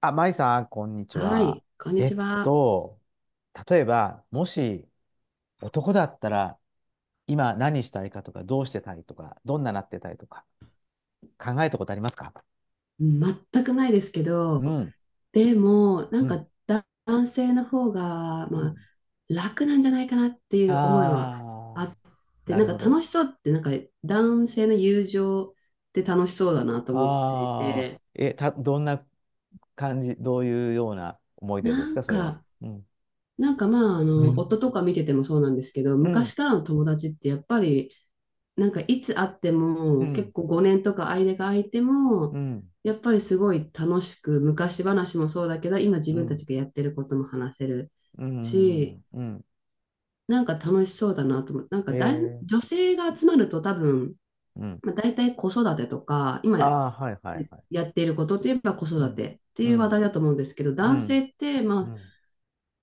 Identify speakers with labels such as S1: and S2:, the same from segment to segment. S1: あ、まいさん、こんにち
S2: は
S1: は。
S2: い、こんに
S1: え
S2: ち
S1: っ
S2: は。
S1: と、例えば、もし男だったら、今何したいかとか、どうしてたいとか、どんななってたいとか、考えたことありますか？
S2: うん、全くないですけ
S1: う
S2: ど、
S1: ん、
S2: でも、な
S1: う
S2: ん
S1: ん、
S2: かだ男性の方が、
S1: う
S2: まあ、
S1: ん。
S2: 楽なんじゃないかなっていう思いはあ
S1: ああ、
S2: って、
S1: な
S2: なん
S1: る
S2: か
S1: ほど。
S2: 楽しそうって、なんか男性の友情って楽しそうだなと思ってい
S1: ああ、
S2: て、
S1: どんな感じ、どういうような思い出で
S2: な
S1: す
S2: ん
S1: か、それは。
S2: か、
S1: うん、
S2: なんかまあ、あ
S1: う
S2: の、夫
S1: ん。
S2: とか見ててもそうなんですけど、
S1: う
S2: 昔
S1: ん、
S2: からの友達ってやっぱり、なんかいつ会って
S1: う
S2: も、結
S1: ん、
S2: 構5年とか間が空いて
S1: う
S2: も、
S1: ん、
S2: やっぱりすごい楽しく、昔話もそうだけど、今自
S1: う
S2: 分たち
S1: ん、
S2: がやってることも話せる
S1: うん、う
S2: し、
S1: ん、うん
S2: なんか楽しそうだなと思って、なん
S1: え
S2: かだい
S1: ー
S2: 女性が集まると多分、
S1: うん、
S2: まあ、大体子育てとか、今
S1: ああ、はいはいはい。
S2: やっていることといえば子
S1: う
S2: 育
S1: ん。
S2: てって
S1: う
S2: いう話題
S1: ん、
S2: だと思うんですけど、
S1: う
S2: 男
S1: ん、
S2: 性って、
S1: う
S2: まあ、
S1: ん。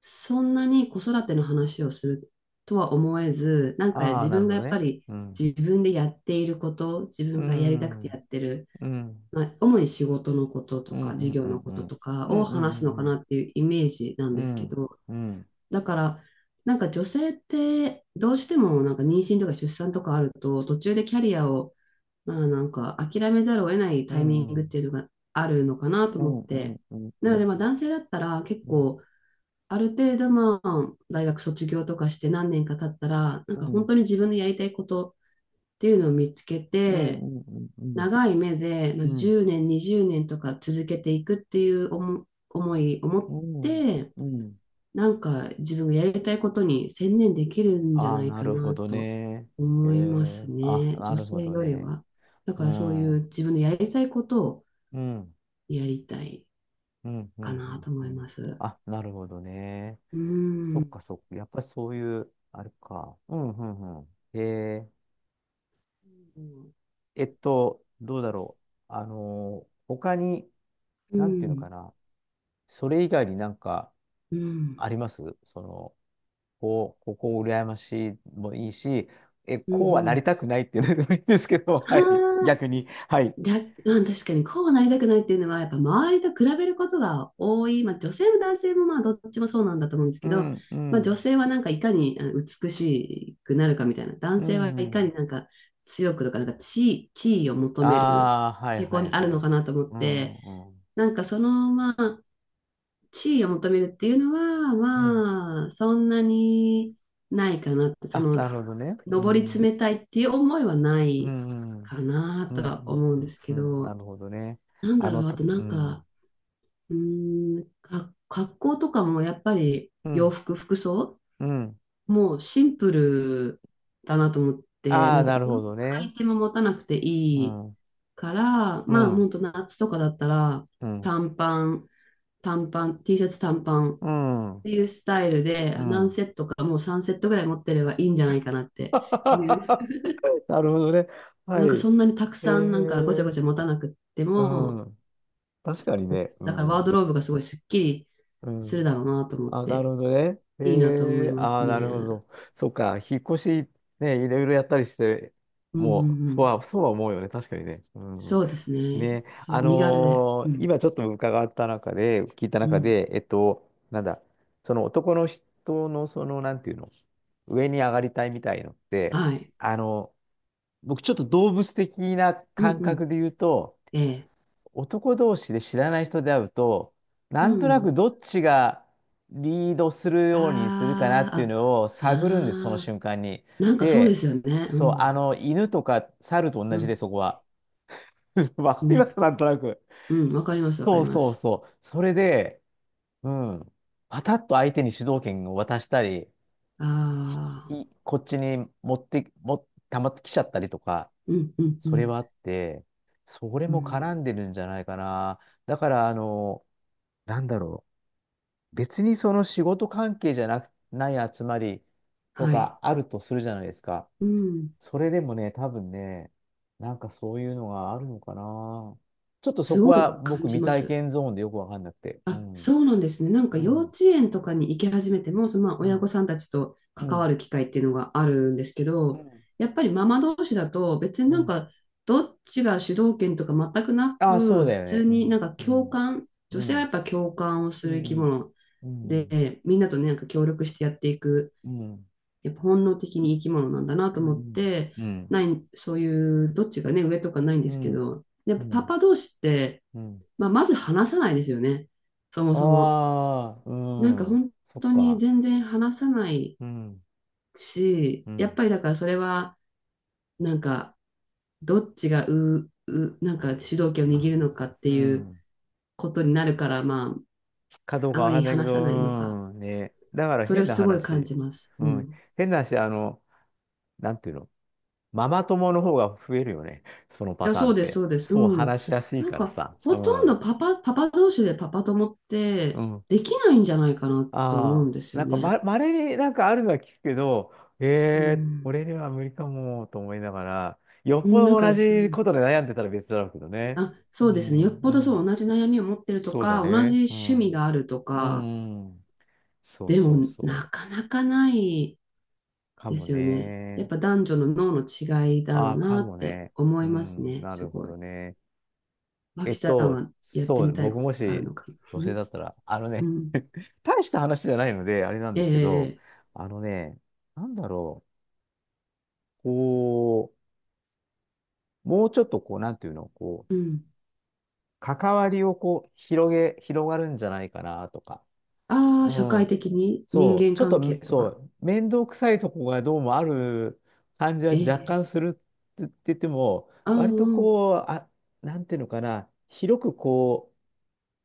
S2: そんなに子育ての話をするとは思えず、なんか
S1: ああ、
S2: 自
S1: なる
S2: 分
S1: ほ
S2: が
S1: ど
S2: やっぱ
S1: ね。
S2: り
S1: うん、
S2: 自分でやっていること、自
S1: う
S2: 分がやりたく
S1: ん、う
S2: てやっ
S1: ん、
S2: てる、
S1: うん、
S2: まあ、主に仕事のことと
S1: うん、
S2: か、
S1: う
S2: 事
S1: ん、
S2: 業
S1: うん、
S2: のこととか
S1: うん、
S2: を話すのか
S1: うん、
S2: なっていうイメージなん
S1: う
S2: ですけ
S1: ん、
S2: ど、
S1: うん、うん、
S2: だから、なんか女性ってどうしてもなんか妊娠とか出産とかあると、途中でキャリアをまあなんか諦めざるを得ない
S1: うん、う
S2: タイミ
S1: ん、
S2: ン
S1: うん、う
S2: グっ
S1: ん、
S2: ていうのがあるのかなと思って、
S1: うん、う
S2: なので
S1: ん、
S2: まあ男性だったら結構、ある程度まあ、大学卒業とかして何年か経ったら、なんか本当に自分のやりたいことっていうのを見つけて、長い目で、まあ、10年、20年とか続けていくっていう思いを持
S1: う
S2: っ
S1: ん、
S2: て、
S1: うん、
S2: なんか自分がやりたいことに専念できるんじゃ
S1: あ
S2: な
S1: あ、
S2: い
S1: な
S2: か
S1: るほ
S2: な
S1: ど
S2: と
S1: ね。え
S2: 思いま
S1: え、
S2: す
S1: あ、
S2: ね。
S1: な
S2: 女
S1: るほ
S2: 性
S1: ど
S2: より
S1: ね。
S2: は。だ
S1: う
S2: からそうい
S1: ん、う
S2: う
S1: ん、
S2: 自分のやりたいことを
S1: うん、
S2: やりたい
S1: うん、う
S2: か
S1: ん、
S2: なと思います。
S1: あ、なるほどね。
S2: う
S1: そっ
S2: ん。
S1: かそっか。やっぱりそういう、あれか。うんうんうん。へえ。
S2: うん。
S1: どうだろう。他に、
S2: う
S1: なんていうのか
S2: ん。
S1: な。それ以外になんか
S2: うん
S1: ありますその、こう、ここ羨ましいもいいし、
S2: うんう
S1: こうはなり
S2: ん。
S1: たくないっていうのでもいいんですけど、はい。
S2: はあ、
S1: 逆に。はい。
S2: だ、まあ、確かにこうはなりたくないっていうのは、やっぱ周りと比べることが多い、まあ、女性も男性もまあどっちもそうなんだと思うんです
S1: う
S2: けど、
S1: ん、う
S2: まあ、女
S1: ん。
S2: 性はなんかいかにあの美しくなるかみたいな、男
S1: うん、
S2: 性はい
S1: う
S2: か
S1: ん。
S2: になんか強くとか、なんか地位を求める
S1: ああ、はい
S2: 傾向
S1: は
S2: に
S1: い
S2: ある
S1: は
S2: の
S1: い。
S2: かなと思っ
S1: うん、
S2: て、
S1: うん、うん。
S2: なんかそのまあ地位を求めるっていうのは、
S1: うん、
S2: まあ、そんなにないかなって、そ
S1: あ、な
S2: の、
S1: るほどね。う
S2: 上り
S1: ん。う
S2: 詰めたいっていう思いはな
S1: ん、う
S2: い
S1: ん。
S2: かな
S1: う
S2: と
S1: ん、う
S2: は
S1: ん、
S2: 思うん
S1: う
S2: で
S1: ん、
S2: すけ
S1: うんな
S2: ど、
S1: るほどね。
S2: なんだろう、あとな
S1: う
S2: ん
S1: ん、
S2: か、うーん、格好とかもやっぱり
S1: う
S2: 洋
S1: ん、
S2: 服、服装
S1: うん。
S2: もうシンプルだなと思って、
S1: あ
S2: な
S1: あ、
S2: んか
S1: な
S2: い
S1: る
S2: ろん
S1: ほ
S2: な
S1: ど
S2: ア
S1: ね。
S2: イテム持たなくて
S1: う
S2: いい
S1: ん、うん、
S2: から、まあ本当夏とかだったら
S1: うん、
S2: 短パン、短パン、T シャツ短パンっ
S1: うん、
S2: ていうスタイル で
S1: う
S2: 何
S1: ん。
S2: セットかもう3セットぐらい持ってればいいんじゃないかなってい う、
S1: なるほどね。は
S2: なんか
S1: い。
S2: そんなにたく
S1: え
S2: さんなんかごちゃご
S1: ー、
S2: ちゃ持たなくって
S1: う
S2: も、
S1: ん。確かにね。う
S2: だからワード
S1: ん、
S2: ローブがすごいすっきり
S1: う
S2: する
S1: ん。
S2: だろうなと思っ
S1: あ、なる
S2: て、
S1: ほどね。
S2: いいなと思い
S1: えー、
S2: ま
S1: あ
S2: す
S1: あ、
S2: ね。う
S1: なるほ
S2: ん
S1: ど。そっか、引っ越し、ね、いろいろやったりして、
S2: うんう
S1: もう、
S2: ん。
S1: そうは思うよね。確かにね。うん。
S2: そうですね。
S1: ね、
S2: そう、身軽で。うん。
S1: 今ちょっと伺った中で、聞いた
S2: う
S1: 中
S2: ん。
S1: で、なんだ、その男の人の、その、なんていうの、上に上がりたいみたいのって、
S2: はい。
S1: あの、僕ちょっと動物的な
S2: うん
S1: 感
S2: うん。
S1: 覚で言うと、
S2: ええ。
S1: 男同士で知らない人で会うと、な
S2: う
S1: んとな
S2: ん。
S1: くどっちがリードする
S2: あ
S1: ようにするかなっていうのを
S2: あ、あ、
S1: 探るんです、その
S2: ああ、
S1: 瞬間に。
S2: なんかそうで
S1: で、
S2: すよね。う
S1: そう、
S2: ん。
S1: あの、犬とか猿と同
S2: う
S1: じで、
S2: ん。
S1: そこは。わか
S2: う
S1: りま
S2: ん。
S1: す、なんとなく。
S2: うん。わかります、わか
S1: そ
S2: り
S1: う
S2: ま
S1: そう
S2: す。
S1: そう。それで、うん。パタッと相手に主導権を渡したり、
S2: ああ、
S1: いこっちに持って、も、たまってきちゃったりとか、
S2: うんうんう
S1: それ
S2: ん。
S1: はあって、それ
S2: う
S1: も
S2: ん。
S1: 絡んでるんじゃないかな。だから、あの、なんだろう。別にその仕事関係じゃなく、ない集まりと
S2: はい。
S1: かあるとするじゃないですか。
S2: うん。
S1: それでもね、多分ね、なんかそういうのがあるのかな。ちょっとそ
S2: す
S1: こ
S2: ご
S1: は
S2: い
S1: 僕
S2: 感じ
S1: 未
S2: ま
S1: 体
S2: す。
S1: 験ゾーンでよくわかんなくて。う
S2: あ、
S1: ん。
S2: そうなんですね。なんか
S1: う
S2: 幼
S1: ん。
S2: 稚園とかに行き始めても、そのまあ
S1: う
S2: 親
S1: ん、
S2: 御さんたちと
S1: う
S2: 関わ
S1: ん、
S2: る機会っていうのがあるんですけ
S1: う
S2: ど、
S1: ん、
S2: やっぱりママ同士だと別に
S1: う
S2: なん
S1: ん。
S2: かどっちが主導権とか全くな
S1: ああ、そう
S2: く、
S1: だ
S2: 普
S1: よね。
S2: 通
S1: う
S2: になん
S1: ん、
S2: か
S1: う
S2: 共
S1: ん、
S2: 感、女
S1: う
S2: 性はやっ
S1: ん、
S2: ぱ共感をす
S1: う
S2: る生き
S1: ん、
S2: 物
S1: うん、うん、
S2: で、みんなとね、なんか協力してやっていく、
S1: うん、
S2: やっぱ本能的に生き物なんだな
S1: う
S2: と思っ
S1: ん、
S2: て、
S1: う
S2: な
S1: ん、
S2: い、そういうどっちがね、上とかないんで
S1: う
S2: すけ
S1: ん、
S2: ど、やっ
S1: う
S2: ぱパ
S1: ん、
S2: パ同士って、まあ、まず話さないですよね。そもそも。
S1: ああ、う
S2: なんか
S1: ん、
S2: 本
S1: そっ
S2: 当に
S1: か。
S2: 全然話さない
S1: うん、
S2: し、
S1: う
S2: やっ
S1: ん、
S2: ぱりだからそれは、なんか、どっちがう、う、なんか主導権を握るのかって
S1: う
S2: いう
S1: ん。
S2: ことになるから、ま
S1: かどう
S2: あ、
S1: か
S2: あ
S1: わ
S2: ま
S1: か
S2: り
S1: んないけ
S2: 話さないのか、
S1: ど、うん、ね。だから
S2: それ
S1: 変
S2: を
S1: な
S2: すごい感
S1: 話。
S2: じます。う
S1: う
S2: ん。
S1: ん、
S2: い
S1: 変な話、あの、なんていうの、ママ友の方が増えるよね。そのパ
S2: や、
S1: ター
S2: そ
S1: ン
S2: う
S1: っ
S2: です、そ
S1: て。
S2: うです。
S1: そう
S2: うん。
S1: 話しやすい
S2: なん
S1: から
S2: か、
S1: さ。う
S2: ほとんど
S1: ん。
S2: パパ、パパ同士でパパ友っ
S1: う
S2: て、
S1: ん
S2: できないんじゃないかなと思う
S1: ああ、
S2: んですよ
S1: なんか
S2: ね。
S1: ま、稀になんかあるのは聞くけど、
S2: う
S1: ええ
S2: ん。
S1: 俺には無理かもと思いながら、よっ
S2: う
S1: ぽ
S2: んなん
S1: ど
S2: か、う
S1: 同じ
S2: ん
S1: ことで悩んでたら別だろうけどね。
S2: あ、
S1: う
S2: そうですね。よ
S1: ん、
S2: っ
S1: う
S2: ぽどそ
S1: ん、
S2: う、同じ悩みを持ってると
S1: そうだ
S2: か、同じ
S1: ね。う
S2: 趣
S1: ん、
S2: 味
S1: う
S2: があるとか、
S1: ん、うんそう
S2: で
S1: そう
S2: も
S1: そ
S2: な
S1: う。
S2: かなかない
S1: か
S2: で
S1: も
S2: すよね。やっ
S1: ね。
S2: ぱ男女の脳の違いだろ
S1: あ
S2: う
S1: あ、か
S2: なっ
S1: も
S2: て
S1: ね。
S2: 思
S1: う
S2: います
S1: ん、
S2: ね。
S1: な
S2: す
S1: るほ
S2: ごい。
S1: どね。
S2: 脇さんはやって
S1: そうね、
S2: みたいこ
S1: 僕
S2: と
S1: も
S2: とかある
S1: し
S2: のかな？
S1: 女性だったら、あの
S2: う
S1: ね、
S2: ん。
S1: 大した話じゃないので、あれなんですけど、
S2: ええ
S1: あのね、なんだろう、こう、もうちょっとこう、なんていうの、こう、
S2: うん。
S1: 関わりをこう、広がるんじゃないかなとか。
S2: ああ、社
S1: う
S2: 会
S1: ん。
S2: 的に人
S1: そう、
S2: 間
S1: ちょっと
S2: 関係
S1: め、
S2: と
S1: そ
S2: か。
S1: う、面倒くさいとこがどうもある感じは
S2: え
S1: 若
S2: え
S1: 干するって言っても、
S2: ああ、
S1: 割と
S2: うん。
S1: こう、あ、なんていうのかな、広くこ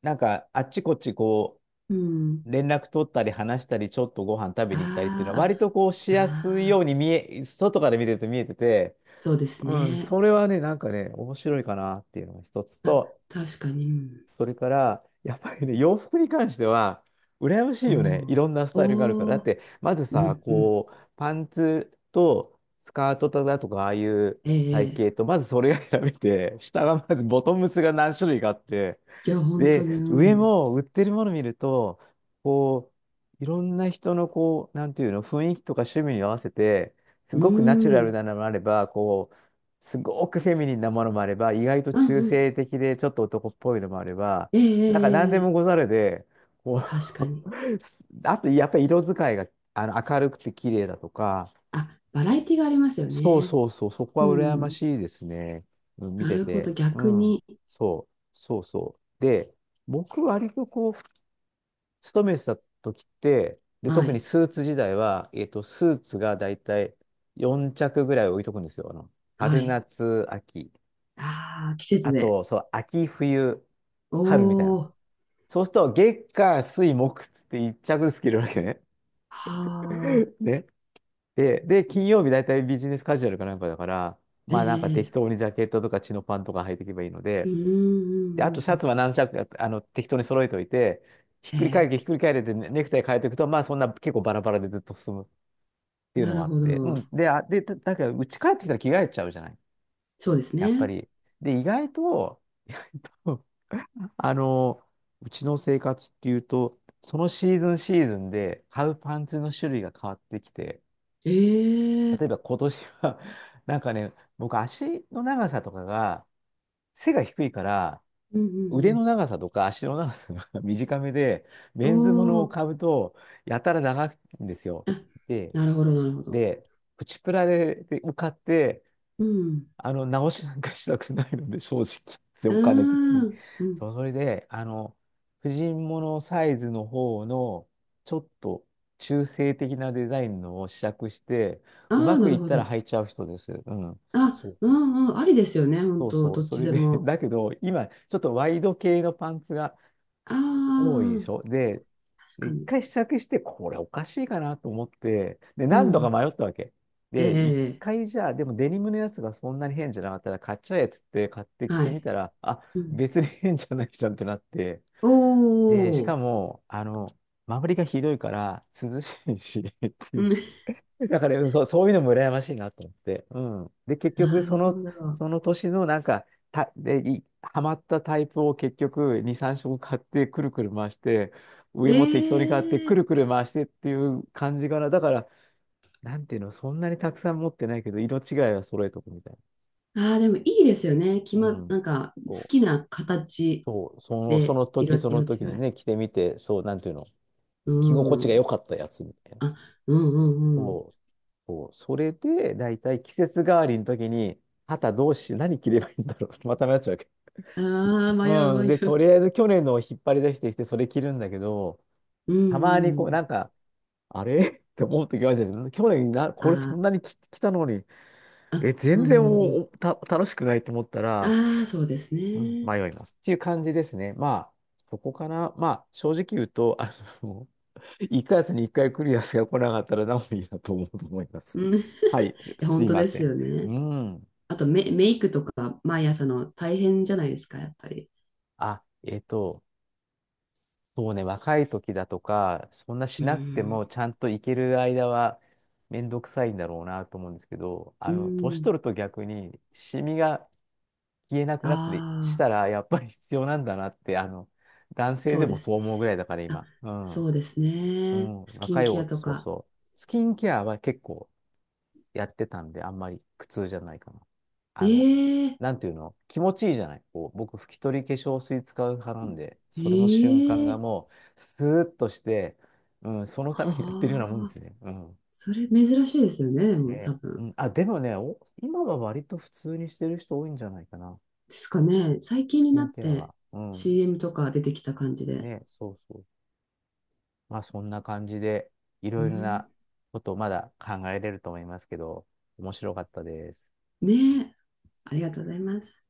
S1: う、なんか、あっちこっちこ
S2: うん。
S1: う、連絡取ったり話したり、ちょっとご飯食べに行ったりっていうのは、
S2: あ
S1: 割とこう、し
S2: あ、
S1: やすい
S2: あ
S1: よ
S2: あ、
S1: うに見え、外から見てると見えてて、
S2: そうです
S1: うん、
S2: ね。
S1: それはね、なんかね、面白いかなっていうのが一つ
S2: あ、
S1: と、
S2: 確かに。うん
S1: それから、やっぱりね、洋服に関しては、羨ましい
S2: お
S1: よね。いろんなスタイルがあるから。
S2: お。
S1: だっ
S2: お
S1: て、まず
S2: う
S1: さ、
S2: んうん。
S1: こう、パンツとスカートだとか、ああいう
S2: え
S1: 体
S2: え、
S1: 型と、まずそれが選べて、下がまずボトムスが何種類かあって、
S2: いや、本当
S1: で、
S2: に、う
S1: 上
S2: ん。
S1: も売ってるもの見ると、こう、いろんな人のこう、なんていうの、雰囲気とか趣味に合わせて、す
S2: う
S1: ごくナチュラル
S2: ん。
S1: なのもあれば、こう、すごくフェミニンなものもあれば、意外と
S2: うん
S1: 中
S2: うん。
S1: 性的でちょっと男っぽいのもあれば、
S2: ええ、え
S1: なんか何
S2: え、
S1: でも
S2: え
S1: ご
S2: え
S1: ざるで、こう
S2: 確かに。
S1: あとやっぱり色使いがあの明るくて綺麗だとか、
S2: あ、バラエティがありますよ
S1: そう
S2: ね。
S1: そうそう、そこ
S2: う
S1: は羨ま
S2: ん。
S1: しいですね。うん、見
S2: な
S1: て
S2: るほど、
S1: て。う
S2: 逆
S1: ん。
S2: に。
S1: そう、そうそう。で、僕割とこう、勤めてた時って、で、
S2: は
S1: 特に
S2: い。
S1: スーツ時代は、スーツがだいたい4着ぐらい置いとくんですよ。あの、
S2: は
S1: 春、
S2: い。
S1: 夏、秋。
S2: ああ、季節
S1: あ
S2: で。
S1: と、そう、秋、冬、
S2: お
S1: 春みたいな。
S2: ー。
S1: そうすると、月、火、水、木って一着ずつ着るわけね。
S2: は あ。
S1: ね。で、金曜日大体ビジネスカジュアルかなんかだから、
S2: え
S1: まあなんか適
S2: え、
S1: 当にジャケットとかチノパンとか履いていけばいいので、で、あとシャツは何着か、あの、適当に揃えておいて、ひっくり返れてねネクタイ変えていくと、まあそんな結構バラバラでずっと進むっていうのもあって、うん。で、あ、で、だけど、家帰ってきたら着替えちゃうじゃない。やっぱり。で、意外とあの、うちの生活っていうと、そのシーズンシーズンで買うパンツの種類が変わってきて、例えば今年は なんかね、僕足の長さとかが、背が低いから、
S2: うんう
S1: 腕
S2: ん
S1: の長さとか足の長さが 短めで、
S2: う
S1: メンズも
S2: ん。
S1: の
S2: お
S1: を
S2: ー。
S1: 買うと、やたら長いんですよ。
S2: あ、
S1: で、
S2: なるほどそうですねええうんうんうんおおあなるほど。なるほど
S1: で、プチプラで、で買って、
S2: うん。
S1: あの、直しなんかしたくないので、正直。で、
S2: ああ、
S1: お金的に。
S2: うん。
S1: そう、それで、あの、婦人物サイズの方の、ちょっと中性的なデザインのを試着して、う
S2: あ
S1: ま
S2: あ、な
S1: くい
S2: る
S1: っ
S2: ほ
S1: たら
S2: ど。
S1: 履いちゃう人です。うん。そ
S2: あ、う
S1: う。
S2: んうん、ありですよね、本
S1: そう
S2: 当、
S1: そう。
S2: どっ
S1: そ
S2: ち
S1: れ
S2: で
S1: で、
S2: も。
S1: だけど、今、ちょっとワイド系のパンツが、
S2: あ
S1: 多いでし
S2: あ、
S1: ょで、
S2: 確
S1: で
S2: か
S1: 一
S2: に。
S1: 回試着して、これおかしいかなと思って、で、
S2: う
S1: 何度か
S2: ん。
S1: 迷ったわけ。で、一
S2: ええ
S1: 回じゃあ、でもデニムのやつがそんなに変じゃなかったら、買っちゃえっつって買って着
S2: は
S1: てみ
S2: い。
S1: たら、あ、
S2: うん。
S1: 別に変じゃないじゃんってなって、
S2: お
S1: で、しか
S2: お、
S1: も、あの、周りがひどいから、涼しいし ってい
S2: う
S1: う
S2: ん。
S1: だから、うんそう、そういうのも羨ましいなと思って。うん。で、結局、
S2: な
S1: そ
S2: るほ
S1: の、
S2: ど。
S1: その年のなんか、た、で、い、ハマったタイプを結局、2、3色買って、くるくる回して、
S2: え
S1: 上も適当に買って、く
S2: え
S1: るくる回してっていう感じかな。だから、なんていうの、そんなにたくさん持ってないけど、色違いは揃えとくみたい
S2: ああ、でもいいですよね。決
S1: な。う
S2: まっ、
S1: ん。
S2: なんか、好
S1: そう、
S2: きな形
S1: そう、その、そ
S2: で
S1: の時
S2: 色、
S1: その
S2: 色違
S1: 時で
S2: い。
S1: ね、着てみて、そう、なんていうの、
S2: う
S1: 着心地が良
S2: ん。
S1: かったやつみたいな。
S2: あ、うんうんうん。
S1: そう、そう、それで、だいたい季節代わりの時に、肩どうしよう、何着ればいいんだろう。また迷っちゃうけ
S2: ああ、迷う
S1: ど。うん。
S2: 迷
S1: で、とり
S2: う。
S1: あえず去年のを引っ張り出してきて、それ着るんだけど、
S2: うん
S1: たまにこ
S2: う
S1: う、
S2: ん。
S1: なんか、あれ って思う時があるじゃないですか去年な、これそん
S2: あ
S1: なに着たのに、
S2: あ、あ、
S1: え、
S2: う
S1: 全然
S2: んうん
S1: お、おた、楽しくないと思った
S2: う
S1: ら、
S2: ん。ああ、そうです
S1: うん、
S2: ね。
S1: 迷います。っていう感じですね。まあ、そこかな。まあ、正直言うと、あの、1ヶ月に1回来るやつが来なかったら何もいいなと思うと思います。
S2: うん。い
S1: はい、
S2: や
S1: す
S2: 本
S1: い
S2: 当
S1: ま
S2: で
S1: せ
S2: す
S1: ん。
S2: よ
S1: う
S2: ね。
S1: ん。
S2: あとメイクとか毎朝の大変じゃないですか、やっぱり。
S1: あ、そうね、若い時だとか、そんなし
S2: う
S1: なくても
S2: ん。
S1: ちゃんと行ける間はめんどくさいんだろうなと思うんですけど、あ
S2: う
S1: の、年
S2: ん。
S1: 取ると逆にシミが消えなくなったりし
S2: ああ、
S1: たらやっぱり必要なんだなって、あの、男性
S2: そ
S1: で
S2: う
S1: も
S2: で
S1: そ
S2: す
S1: う
S2: ね。
S1: 思うぐらいだから
S2: あ、
S1: 今。うん。
S2: そうです
S1: う
S2: ね。
S1: ん、
S2: スキン
S1: 若い
S2: ケ
S1: お、
S2: アと
S1: そう
S2: か。
S1: そう。スキンケアは結構やってたんで、あんまり苦痛じゃないかな。あの、
S2: ええ
S1: なんていうの、気持ちいいじゃない。こう、僕、拭き取り化粧水使う派なんで、それの瞬間が
S2: ええ
S1: もう、スーッとして、うん、そのためにやってるようなもんで
S2: は
S1: す
S2: あ。
S1: ね。うん。
S2: それ珍しいですよね、でも多
S1: ね、う
S2: 分。
S1: ん、あ、でもね、お、今は割と普通にしてる人多いんじゃないかな。
S2: ですかね。最
S1: ス
S2: 近に
S1: キ
S2: なっ
S1: ンケア
S2: て
S1: は。うん。
S2: CM とか出てきた感じで。
S1: ね、そうそう。まあ、そんな感じで、い
S2: う
S1: ろいろ
S2: ん。
S1: なことをまだ考えれると思いますけど、面白かったです。
S2: ねえ。ありがとうございます。